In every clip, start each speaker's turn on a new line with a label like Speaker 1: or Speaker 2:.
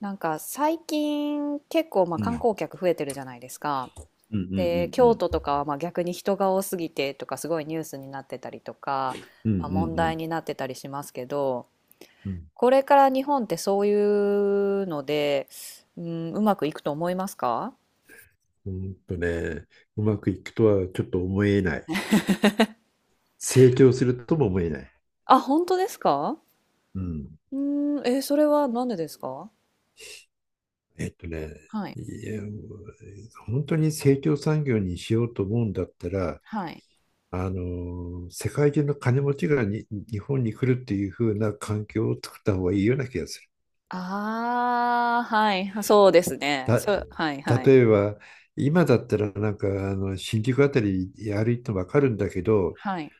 Speaker 1: なんか最近結構まあ
Speaker 2: う
Speaker 1: 観
Speaker 2: ん。
Speaker 1: 光客増えてるじゃないですか。
Speaker 2: うんうんう
Speaker 1: で、
Speaker 2: んう
Speaker 1: 京
Speaker 2: ん。
Speaker 1: 都とかはまあ逆に人が多すぎてとかすごいニュースになってたりとか、
Speaker 2: うんうん
Speaker 1: まあ、問
Speaker 2: うん。
Speaker 1: 題になってたりしますけど、
Speaker 2: うん。
Speaker 1: これから日本ってそういうので、うん、うまくいくと思いますか？
Speaker 2: うんとね、うまくいくとはちょっと思えない。成長するとも思えない。
Speaker 1: あ、本当ですか？
Speaker 2: うん。
Speaker 1: うん、それはなんでですか？
Speaker 2: えっとね、
Speaker 1: はい。
Speaker 2: いや、本当に成長産業にしようと思うんだったら、
Speaker 1: はい。
Speaker 2: 世界中の金持ちがに日本に来るっていう風な環境を作った方がいいような気がする。
Speaker 1: ああ、はい。そうですね。
Speaker 2: た、
Speaker 1: そう、はい、は
Speaker 2: 例
Speaker 1: い。
Speaker 2: えば、今だったらなんかあの新宿あたり歩いてもわかるんだけど、
Speaker 1: はい。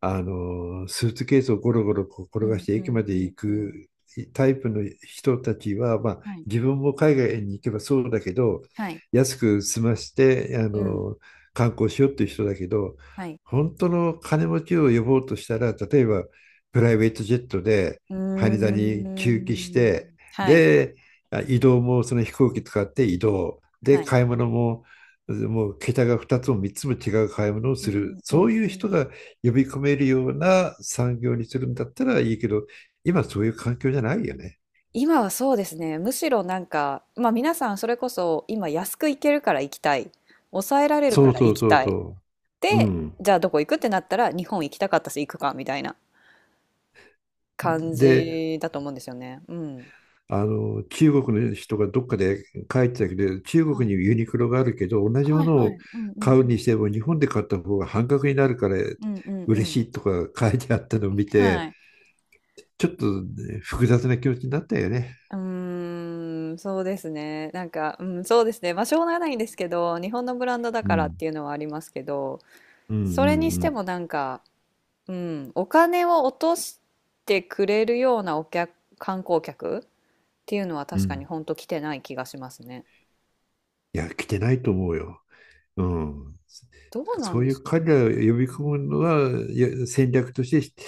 Speaker 2: スーツケースをゴロゴロこう
Speaker 1: う
Speaker 2: 転がし
Speaker 1: ん、
Speaker 2: て
Speaker 1: う
Speaker 2: 駅
Speaker 1: ん、
Speaker 2: ま
Speaker 1: う
Speaker 2: で
Speaker 1: ん、
Speaker 2: 行
Speaker 1: うん。
Speaker 2: くタイプの人たちは、まあ、
Speaker 1: はい。
Speaker 2: 自分も海外に行けばそうだけど、
Speaker 1: はい。
Speaker 2: 安く済まして、
Speaker 1: うん。
Speaker 2: 観光しようっていう人だけど、
Speaker 1: はい。
Speaker 2: 本当の金持ちを呼ぼうとしたら、例えばプライベートジェットで
Speaker 1: うー
Speaker 2: 羽田に駐機して、
Speaker 1: ん。はい。
Speaker 2: で、移動もその飛行機使って移動。で、
Speaker 1: はい。
Speaker 2: 買い物も、もう桁が2つも3つも違う買い物を
Speaker 1: う
Speaker 2: す
Speaker 1: んう
Speaker 2: る。
Speaker 1: んう
Speaker 2: そう
Speaker 1: ん
Speaker 2: い
Speaker 1: う
Speaker 2: う人
Speaker 1: ん。
Speaker 2: が呼び込めるような産業にするんだったらいいけど、今そういう環境じゃないよね。
Speaker 1: 今はそうですね。むしろなんか、まあ皆さんそれこそ今安く行けるから行きたい。抑えられる
Speaker 2: そ
Speaker 1: か
Speaker 2: う
Speaker 1: ら
Speaker 2: そ
Speaker 1: 行
Speaker 2: う
Speaker 1: き
Speaker 2: そう
Speaker 1: たい。
Speaker 2: そう、う
Speaker 1: で、
Speaker 2: ん。
Speaker 1: じゃあどこ行くってなったら日本行きたかったし行くかみたいな感
Speaker 2: で、
Speaker 1: じだと思うんですよね。うん。
Speaker 2: 中国の人がどっかで書いてたけど、中
Speaker 1: は
Speaker 2: 国
Speaker 1: い。
Speaker 2: にユニクロがあるけど、同じ
Speaker 1: は
Speaker 2: も
Speaker 1: い
Speaker 2: の
Speaker 1: は
Speaker 2: を
Speaker 1: い。うんうん
Speaker 2: 買
Speaker 1: う
Speaker 2: うに
Speaker 1: ん。
Speaker 2: しても日本で買った方が半額になるから
Speaker 1: うんうんう
Speaker 2: 嬉
Speaker 1: ん。
Speaker 2: しいとか書いてあったのを見
Speaker 1: は
Speaker 2: て、
Speaker 1: い。
Speaker 2: ちょっとね複雑な気持ちになったよね。
Speaker 1: うーん、そうですね。なんか、うん、そうですね。まあ、しょうがないんですけど、日本のブランドだからっていうのはありますけど、
Speaker 2: うんうん
Speaker 1: それにし
Speaker 2: う
Speaker 1: て
Speaker 2: ん。
Speaker 1: もなんか、うん、お金を落としてくれるようなお客、観光客っていうのは
Speaker 2: うんう
Speaker 1: 確かに
Speaker 2: ん。
Speaker 1: 本当来てない気がしますね。
Speaker 2: いや、来てないと思うよ。うん。
Speaker 1: どうな
Speaker 2: そ
Speaker 1: ん
Speaker 2: う
Speaker 1: で
Speaker 2: い
Speaker 1: す
Speaker 2: う
Speaker 1: か
Speaker 2: 彼
Speaker 1: ね。
Speaker 2: らを呼び
Speaker 1: う
Speaker 2: 込
Speaker 1: ん
Speaker 2: む
Speaker 1: う
Speaker 2: の
Speaker 1: ん。
Speaker 2: は戦略として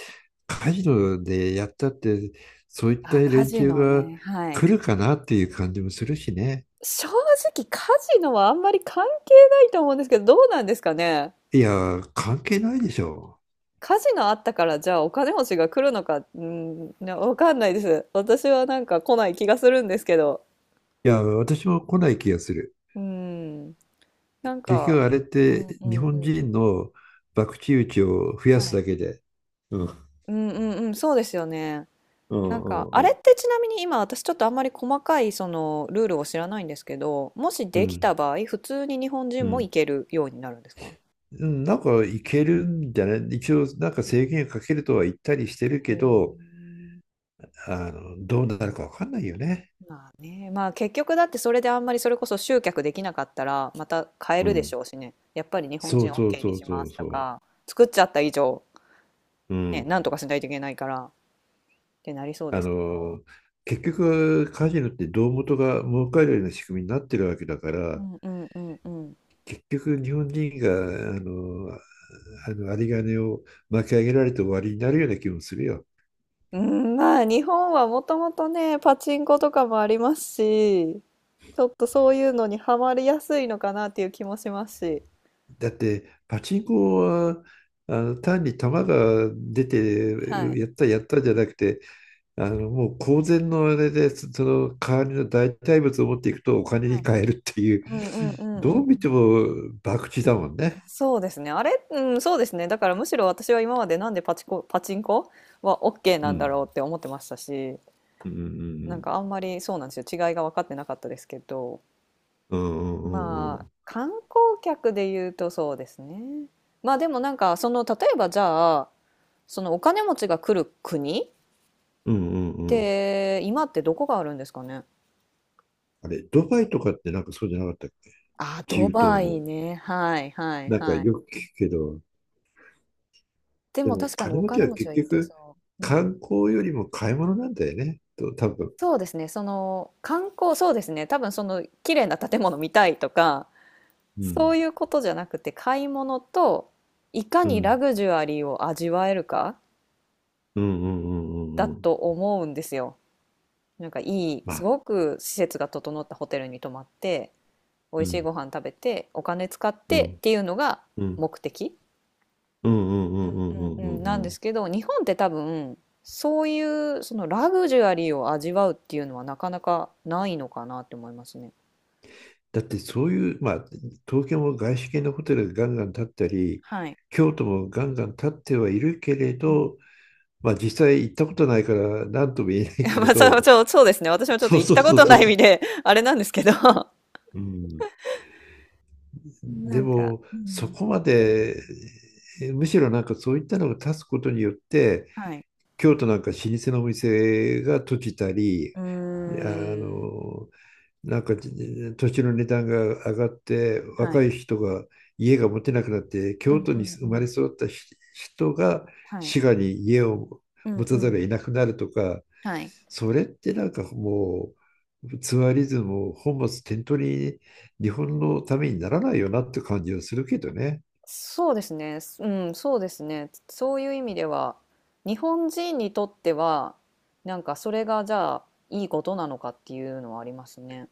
Speaker 2: カジノでやったって、そういった
Speaker 1: あ、カ
Speaker 2: 連
Speaker 1: ジ
Speaker 2: 中
Speaker 1: ノ
Speaker 2: が
Speaker 1: ね。はい。
Speaker 2: 来るかなっていう感じもするしね。
Speaker 1: 正直カジノはあんまり関係ないと思うんですけど、どうなんですかね。
Speaker 2: いや、関係ないでしょ
Speaker 1: 火事があったから、じゃあお金持ちが来るのか、うん、なわかんないです。私はなんか来ない気がするんですけど。
Speaker 2: う。いや、私も来ない気がする。
Speaker 1: うん。なん
Speaker 2: 結
Speaker 1: か、
Speaker 2: 局あれっ
Speaker 1: うん
Speaker 2: て
Speaker 1: う
Speaker 2: 日
Speaker 1: んう
Speaker 2: 本
Speaker 1: ん。
Speaker 2: 人の博打打ちを増や
Speaker 1: は
Speaker 2: す
Speaker 1: い。
Speaker 2: だけで。うん。
Speaker 1: うんうんうん、そうですよね。
Speaker 2: う
Speaker 1: なん
Speaker 2: んう
Speaker 1: か、あ
Speaker 2: ん
Speaker 1: れ
Speaker 2: う
Speaker 1: っ
Speaker 2: ん
Speaker 1: てちなみに今私ちょっとあんまり細かいそのルールを知らないんですけど、もし
Speaker 2: う
Speaker 1: でき
Speaker 2: ん。
Speaker 1: た場合、普通に日本
Speaker 2: う
Speaker 1: 人も行
Speaker 2: ん。
Speaker 1: けるようになるんですか？
Speaker 2: なんかいけるんじゃない？一応なんか制限かけるとは言ったりしてる
Speaker 1: へ
Speaker 2: け
Speaker 1: ー。
Speaker 2: ど、どうなるかわかんないよね。
Speaker 1: まあね、まあ結局だってそれであんまりそれこそ集客できなかったらまた変え
Speaker 2: う
Speaker 1: るでし
Speaker 2: ん。
Speaker 1: ょうしね。やっぱり日本
Speaker 2: そ
Speaker 1: 人
Speaker 2: うそう
Speaker 1: OK に
Speaker 2: そ
Speaker 1: し
Speaker 2: うそ
Speaker 1: ま
Speaker 2: う
Speaker 1: すと
Speaker 2: そ
Speaker 1: か、作っちゃった以上、
Speaker 2: う。う
Speaker 1: ね、
Speaker 2: ん。
Speaker 1: なんとかしないといけないからってなりそうで
Speaker 2: あ
Speaker 1: すけど。
Speaker 2: の、結局カジノって胴元が儲かるような仕組みになってるわけだか
Speaker 1: う
Speaker 2: ら、
Speaker 1: んうんうんうん。
Speaker 2: 結局日本人が、あの、有り金を巻き上げられて終わりになるような気もするよ。
Speaker 1: うん、まあ日本はもともとね、パチンコとかもありますし、ちょっとそういうのにハマりやすいのかなっていう気もしますし。
Speaker 2: だって、パチンコは、単に球が出て
Speaker 1: はい。
Speaker 2: やったやったじゃなくて、もう公然のあれで、その代わりの代替物を持っていくとお金
Speaker 1: は
Speaker 2: に
Speaker 1: い。
Speaker 2: 換えるっていう、
Speaker 1: うんうんうんうんう
Speaker 2: ど
Speaker 1: ん。
Speaker 2: う見ても博打だもんね。
Speaker 1: そうですね。あれ、うん、そうですね。だからむしろ私は今までなんでパチンコは OK
Speaker 2: う
Speaker 1: なんだ
Speaker 2: ん。
Speaker 1: ろうって思ってましたし、
Speaker 2: うんう
Speaker 1: なん
Speaker 2: ん
Speaker 1: かあんまりそうなんですよ。違いが分かってなかったですけど、
Speaker 2: うんうん。うんうん
Speaker 1: ま
Speaker 2: う
Speaker 1: あ、
Speaker 2: ん
Speaker 1: 観光客で言うとそうですね。まあでもなんか、その、例えばじゃあ、そのお金持ちが来る国っ
Speaker 2: うんうんうん。
Speaker 1: て、今ってどこがあるんですかね。
Speaker 2: あれ、ドバイとかってなんかそうじゃなかったっけ、
Speaker 1: あ、
Speaker 2: 中
Speaker 1: ドバ
Speaker 2: 東の。
Speaker 1: イね。はいはい
Speaker 2: なんか
Speaker 1: はい。
Speaker 2: よく聞くけど、
Speaker 1: で
Speaker 2: で
Speaker 1: も
Speaker 2: も
Speaker 1: 確かに
Speaker 2: 金
Speaker 1: お
Speaker 2: 持ち
Speaker 1: 金
Speaker 2: は
Speaker 1: 持ち
Speaker 2: 結
Speaker 1: は行って
Speaker 2: 局
Speaker 1: そう。うん。
Speaker 2: 観光よりも買い物なんだよね。と、多分。
Speaker 1: そうですね、その観光、そうですね、多分その綺麗な建物見たいとか、
Speaker 2: う
Speaker 1: そ
Speaker 2: ん。
Speaker 1: ういうことじゃなくて、買い物といか
Speaker 2: う
Speaker 1: にラ
Speaker 2: ん。
Speaker 1: グジュアリーを味わえるか
Speaker 2: うんうんうんう
Speaker 1: だ
Speaker 2: んうん。
Speaker 1: と思うんですよ。なんかいい、
Speaker 2: ま
Speaker 1: す
Speaker 2: あ。
Speaker 1: ごく施設が整ったホテルに泊まって、美
Speaker 2: う
Speaker 1: 味しい
Speaker 2: ん。
Speaker 1: ご飯食べて、お金使っ
Speaker 2: う
Speaker 1: てっ
Speaker 2: ん。
Speaker 1: ていうのが
Speaker 2: うん。
Speaker 1: 目的、
Speaker 2: うんうんうんう
Speaker 1: う
Speaker 2: んう
Speaker 1: んうん、
Speaker 2: んう
Speaker 1: な
Speaker 2: ん
Speaker 1: ん
Speaker 2: う
Speaker 1: で
Speaker 2: ん。
Speaker 1: すけど、日本って多分、そういうそのラグジュアリーを味わうっていうのはなかなかないのかなって思いますね。
Speaker 2: だってそういう、まあ、東京も外資系のホテルがガンガン建ったり、
Speaker 1: はい。
Speaker 2: 京都もガンガン建ってはいるけ
Speaker 1: う
Speaker 2: れ
Speaker 1: んうん。
Speaker 2: ど、まあ実際行ったことないから何とも言えない けれ
Speaker 1: まあ、そう
Speaker 2: ど、
Speaker 1: そうそうですね。私もちょっと
Speaker 2: そう
Speaker 1: 行っ
Speaker 2: そう
Speaker 1: たこ
Speaker 2: そ
Speaker 1: と
Speaker 2: うそ
Speaker 1: な
Speaker 2: う。
Speaker 1: い意味で、あれなんですけど、
Speaker 2: うん、
Speaker 1: な
Speaker 2: で
Speaker 1: んか、
Speaker 2: も、
Speaker 1: う
Speaker 2: そ
Speaker 1: ん、
Speaker 2: こまで、むしろなんかそういったのが立つことによって、
Speaker 1: はい。
Speaker 2: 京都なんか老舗のお店が閉じたり、
Speaker 1: うー
Speaker 2: あ
Speaker 1: ん、
Speaker 2: の、なんか土地の値段が上がって
Speaker 1: は
Speaker 2: 若
Speaker 1: い。
Speaker 2: い人が家が持てなくなって、
Speaker 1: う
Speaker 2: 京
Speaker 1: ん
Speaker 2: 都
Speaker 1: う
Speaker 2: に
Speaker 1: んう
Speaker 2: 生まれ
Speaker 1: ん。
Speaker 2: 育った人が
Speaker 1: はい。
Speaker 2: 滋賀に家を
Speaker 1: う
Speaker 2: 持
Speaker 1: ん
Speaker 2: た
Speaker 1: う
Speaker 2: ざる
Speaker 1: ん。
Speaker 2: を得なくなるとか、
Speaker 1: はい。
Speaker 2: それってなんかもうツアリズムを本末転倒に、日本のためにならないよなって感じはするけどね。
Speaker 1: そうですね。うん、そうですね。そういう意味では、日本人にとっては、なんかそれがじゃあいいことなのかっていうのはありますね。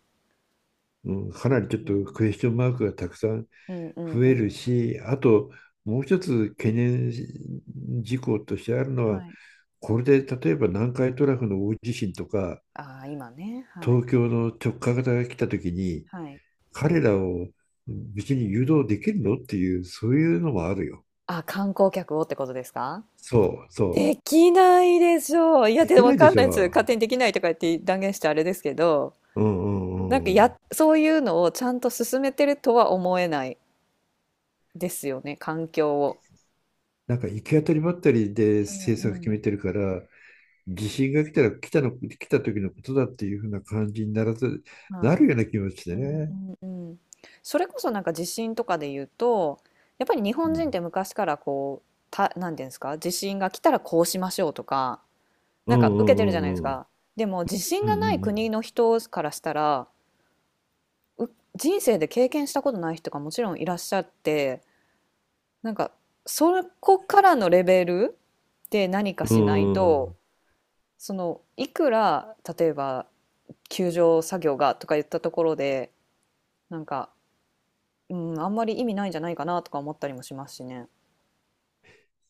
Speaker 2: うん、か
Speaker 1: うん
Speaker 2: なりちょっ
Speaker 1: う
Speaker 2: と
Speaker 1: ん。
Speaker 2: クエスチョンマークがたくさん
Speaker 1: うんうん
Speaker 2: 増
Speaker 1: う
Speaker 2: える
Speaker 1: ん。
Speaker 2: し、あと、もう一つ懸念事項としてあるのは、
Speaker 1: はい。
Speaker 2: これで例えば南海トラフの大地震とか、
Speaker 1: ああ、今ね。はい。
Speaker 2: 東京の直下型が来た時に、
Speaker 1: はい。
Speaker 2: 彼らを別に誘導できるのっていう、そういうのもあるよ。
Speaker 1: あ、観光客をってことですか？
Speaker 2: そう、そ
Speaker 1: で
Speaker 2: う。
Speaker 1: きないでしょう。いや、
Speaker 2: で
Speaker 1: で、
Speaker 2: きな
Speaker 1: わ
Speaker 2: いで
Speaker 1: かん
Speaker 2: し
Speaker 1: ないです。
Speaker 2: ょ。
Speaker 1: 勝手にできないとか言って断言してあれですけど、
Speaker 2: うんうんう
Speaker 1: なんか
Speaker 2: んうん。
Speaker 1: や、そういうのをちゃんと進めてるとは思えないですよね、環境を。
Speaker 2: なんか行き当たりばったりで
Speaker 1: う
Speaker 2: 政
Speaker 1: んう
Speaker 2: 策決め
Speaker 1: ん。
Speaker 2: てるから、地震が来たら来たの、来た時のことだっていうふうな感じにならず、
Speaker 1: は
Speaker 2: な
Speaker 1: い。
Speaker 2: るような気持ちで
Speaker 1: うん
Speaker 2: ね。
Speaker 1: うんうん。それこそなんか地震とかで言うと、やっぱり日
Speaker 2: う
Speaker 1: 本人っ
Speaker 2: ん
Speaker 1: て昔からこう、なんていうんですか、地震が来たらこうしましょうとか、
Speaker 2: う
Speaker 1: な
Speaker 2: ん
Speaker 1: んか
Speaker 2: う
Speaker 1: 受けてるじ
Speaker 2: ん
Speaker 1: ゃ
Speaker 2: う
Speaker 1: ないです
Speaker 2: んうん。
Speaker 1: か。でも地震
Speaker 2: う
Speaker 1: がない国
Speaker 2: ん
Speaker 1: の人からしたら、う人生で経験したことない人がもちろんいらっしゃって、なんかそこからのレベルで何か
Speaker 2: うん
Speaker 1: しない
Speaker 2: うん。う
Speaker 1: と
Speaker 2: ん、
Speaker 1: そのいくら例えば救助作業がとか言ったところでなんか、うん、あんまり意味ないんじゃないかなとか思ったりもしますしね。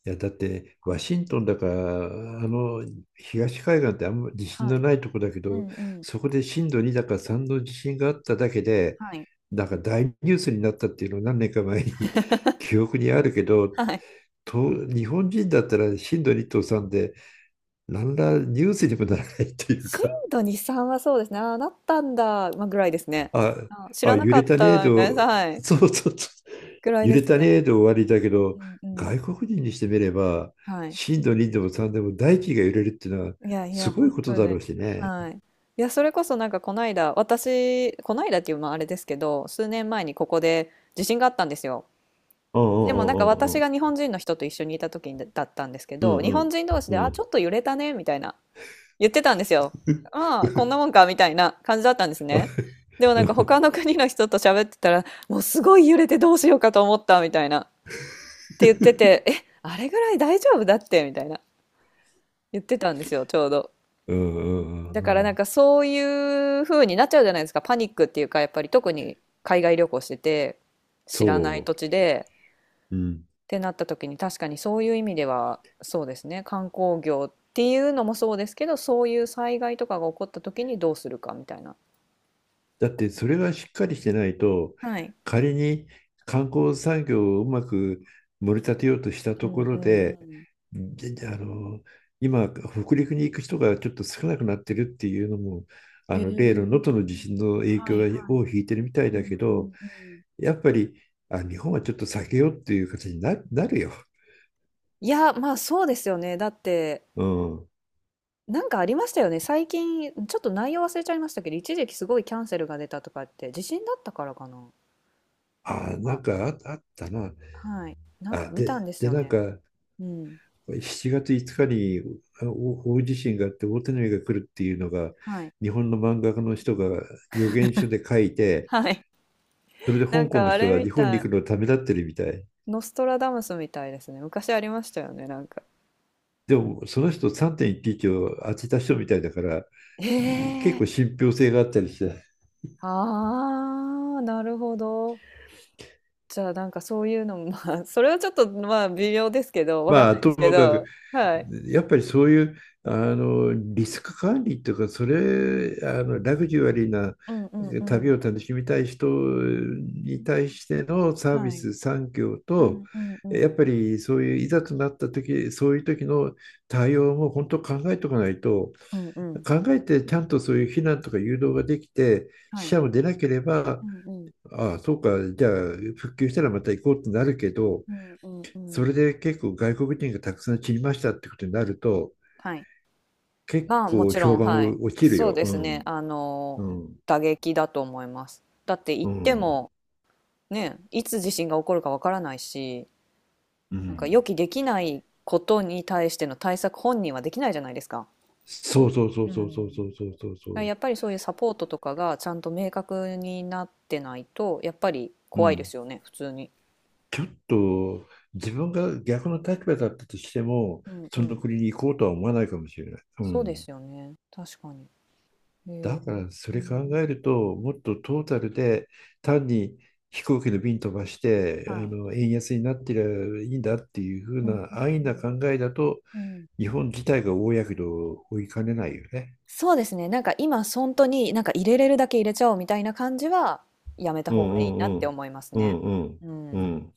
Speaker 2: いや、だって、ワシントンだから、あの、東海岸ってあんま地震
Speaker 1: は
Speaker 2: の
Speaker 1: い。
Speaker 2: ないとこだけ
Speaker 1: う
Speaker 2: ど、
Speaker 1: んうん。
Speaker 2: そこで震度2だか3の地震があっただけで、
Speaker 1: はい。
Speaker 2: なんか大ニュースになったっていうのを何年か前に 記憶にあるけど、
Speaker 1: はい。
Speaker 2: と、日本人だったら震度2と3で、何らニュースにもならないっていう
Speaker 1: 震
Speaker 2: か、
Speaker 1: 度2、3はそうですね。ああ、なったんだ、まあ、ぐらいですね。
Speaker 2: あ、
Speaker 1: あ、知
Speaker 2: あ、
Speaker 1: らな
Speaker 2: 揺
Speaker 1: か
Speaker 2: れ
Speaker 1: っ
Speaker 2: たね
Speaker 1: た、みたいな、
Speaker 2: と、
Speaker 1: は い。
Speaker 2: そうそうそう。
Speaker 1: ぐらい
Speaker 2: 揺
Speaker 1: で
Speaker 2: れ
Speaker 1: す
Speaker 2: たね
Speaker 1: ね。
Speaker 2: と終わりだ
Speaker 1: うん
Speaker 2: け
Speaker 1: う
Speaker 2: ど、
Speaker 1: んうんうん。
Speaker 2: 外国人にしてみれば、
Speaker 1: はい。
Speaker 2: 震度2でも3でも大気が揺れるっていうのは
Speaker 1: いやい
Speaker 2: す
Speaker 1: や、
Speaker 2: ごい
Speaker 1: 本
Speaker 2: こと
Speaker 1: 当
Speaker 2: だ
Speaker 1: に。
Speaker 2: ろうしね。
Speaker 1: はい。いや、それこそなんかこの間、私、この間っていうまああれですけど、数年前にここで地震があったんですよ。
Speaker 2: うん
Speaker 1: でもなんか
Speaker 2: うん
Speaker 1: 私
Speaker 2: うん
Speaker 1: が日本人の人と一緒にいた時にだったんですけ
Speaker 2: う
Speaker 1: ど、
Speaker 2: んう
Speaker 1: 日本
Speaker 2: ん。
Speaker 1: 人同士
Speaker 2: う
Speaker 1: で、
Speaker 2: んう
Speaker 1: あ、ちょ
Speaker 2: ん
Speaker 1: っと揺れたね、みたいな言ってたんですよ。ああ、こんなもんか、みたいな感じだったんですね。でもなんか他の国の人と喋ってたら、もうすごい揺れてどうしようかと思った、みたいな。って言ってて、え、あれぐらい大丈夫だって、みたいな言ってたんですよ、ちょうど。
Speaker 2: うんうん
Speaker 1: だ
Speaker 2: う
Speaker 1: か
Speaker 2: んう
Speaker 1: らなん
Speaker 2: ん。
Speaker 1: かそういう風になっちゃうじゃないですか。パニックっていうか、やっぱり特に海外旅行してて、知
Speaker 2: そ
Speaker 1: らない土地で、
Speaker 2: う。うん。
Speaker 1: ってなった時に確かにそういう意味では、そうですね。観光業っていうのもそうですけど、そういう災害とかが起こった時にどうするかみたいな。
Speaker 2: だってそれがしっかりしてないと、
Speaker 1: はい。
Speaker 2: 仮に観光産業をうまく盛り立てようとした
Speaker 1: う
Speaker 2: とこ
Speaker 1: んう
Speaker 2: ろ
Speaker 1: んう
Speaker 2: で、
Speaker 1: ん。
Speaker 2: で今、北陸に行く人がちょっと少なくなってるっていうのも、あ
Speaker 1: へ
Speaker 2: の例の
Speaker 1: え。
Speaker 2: 能登の地震の影響が尾を引いてるみたい
Speaker 1: う
Speaker 2: だけ
Speaker 1: んう
Speaker 2: ど、
Speaker 1: んうん。
Speaker 2: やっぱり日本はちょっと避けようっていう形になるよ。
Speaker 1: いや、まあそうですよね。だって、
Speaker 2: うん。
Speaker 1: なんかありましたよね。最近、ちょっと内容忘れちゃいましたけど、一時期すごいキャンセルが出たとかって、地震だったからかな。
Speaker 2: あ、なんかあ、あったな。
Speaker 1: はい。なんか
Speaker 2: あ、
Speaker 1: 見たん
Speaker 2: で、
Speaker 1: です
Speaker 2: で、
Speaker 1: よ
Speaker 2: なん
Speaker 1: ね。
Speaker 2: か
Speaker 1: うん。
Speaker 2: 7月5日にお大地震があって大手紙が来るっていうのが、
Speaker 1: はい。
Speaker 2: 日本の漫画家の人が予言書で書い て、
Speaker 1: はい。
Speaker 2: それで
Speaker 1: な
Speaker 2: 香
Speaker 1: ん
Speaker 2: 港
Speaker 1: か
Speaker 2: の
Speaker 1: あ
Speaker 2: 人
Speaker 1: れ
Speaker 2: は
Speaker 1: み
Speaker 2: 日本に
Speaker 1: たい。
Speaker 2: 行くのをためらってるみたい。
Speaker 1: ノストラダムスみたいですね。昔ありましたよね、なんか。
Speaker 2: でもその人3.11を当てた人みたいだから
Speaker 1: え
Speaker 2: 結
Speaker 1: え。
Speaker 2: 構 信憑性があったりして、
Speaker 1: ああ、なるほど。じゃあなんかそういうのも、まあ、それはちょっとまあ微妙ですけど、わかん
Speaker 2: ま
Speaker 1: な
Speaker 2: あ、
Speaker 1: いで
Speaker 2: と
Speaker 1: すけ
Speaker 2: もかく、
Speaker 1: ど、はい。
Speaker 2: やっぱりそういう、リスク管理っていうか、それ、ラグジュアリーな
Speaker 1: うんうんう
Speaker 2: 旅
Speaker 1: ん。
Speaker 2: を楽しみたい人に対してのサービ
Speaker 1: はい。
Speaker 2: ス産業
Speaker 1: う
Speaker 2: と、
Speaker 1: んうんう
Speaker 2: やっ
Speaker 1: ん。
Speaker 2: ぱりそういういざとなった時、そういう時の対応も本当考えておかないと。
Speaker 1: うんうん。
Speaker 2: 考えてちゃんとそういう避難とか誘導ができて、
Speaker 1: は
Speaker 2: 死
Speaker 1: い。
Speaker 2: 者も出なければ、
Speaker 1: うんうん。
Speaker 2: ああ、そうか、じゃあ復旧したらまた行こうってなるけど、
Speaker 1: うんうんう
Speaker 2: そ
Speaker 1: ん。
Speaker 2: れで結構外国人がたくさん散りましたってことになると、
Speaker 1: はい。
Speaker 2: 結
Speaker 1: まあも
Speaker 2: 構
Speaker 1: ちろ
Speaker 2: 評
Speaker 1: ん、
Speaker 2: 判
Speaker 1: はい。
Speaker 2: を落ちる
Speaker 1: そう
Speaker 2: よ。
Speaker 1: で
Speaker 2: う
Speaker 1: すね。
Speaker 2: ん。
Speaker 1: あ
Speaker 2: う
Speaker 1: の、
Speaker 2: ん。
Speaker 1: 打撃だと思います。だって言っ
Speaker 2: う
Speaker 1: て
Speaker 2: ん。
Speaker 1: も、ね、いつ地震が起こるかわからないし、
Speaker 2: う
Speaker 1: なんか予
Speaker 2: ん。
Speaker 1: 期できないことに対しての対策本人はできないじゃないですか。
Speaker 2: そうそうそ
Speaker 1: う
Speaker 2: うそうそうそ
Speaker 1: ん。だか
Speaker 2: うそうそうそ
Speaker 1: ら
Speaker 2: う。
Speaker 1: やっぱりそういうサポートとかがちゃんと明確になってないと、やっぱり
Speaker 2: う
Speaker 1: 怖いで
Speaker 2: ん。
Speaker 1: すよね、普通に。
Speaker 2: ちょっと自分が逆の立場だったとしても、
Speaker 1: うんう
Speaker 2: その
Speaker 1: ん。
Speaker 2: 国に行こうとは思わないかもしれない。う
Speaker 1: そうで
Speaker 2: ん。
Speaker 1: すよね。確かに。へえ。
Speaker 2: だからそ
Speaker 1: うんう
Speaker 2: れ考え
Speaker 1: ん。
Speaker 2: ると、もっとトータルで、単に飛行機の便飛ばして、
Speaker 1: はい。
Speaker 2: 円安になってりゃいいんだっていう風
Speaker 1: うんう
Speaker 2: な安易な考
Speaker 1: ん
Speaker 2: えだと、
Speaker 1: うん。うん。
Speaker 2: 日本自体が大やけどを負いかねないよね。
Speaker 1: そうですね、なんか今本当に、なんか入れれるだけ入れちゃおうみたいな感じはやめた
Speaker 2: う
Speaker 1: 方がいいなっ
Speaker 2: んうん
Speaker 1: て
Speaker 2: うん。
Speaker 1: 思います
Speaker 2: う
Speaker 1: ね。
Speaker 2: んうん
Speaker 1: う
Speaker 2: う
Speaker 1: ん。
Speaker 2: ん。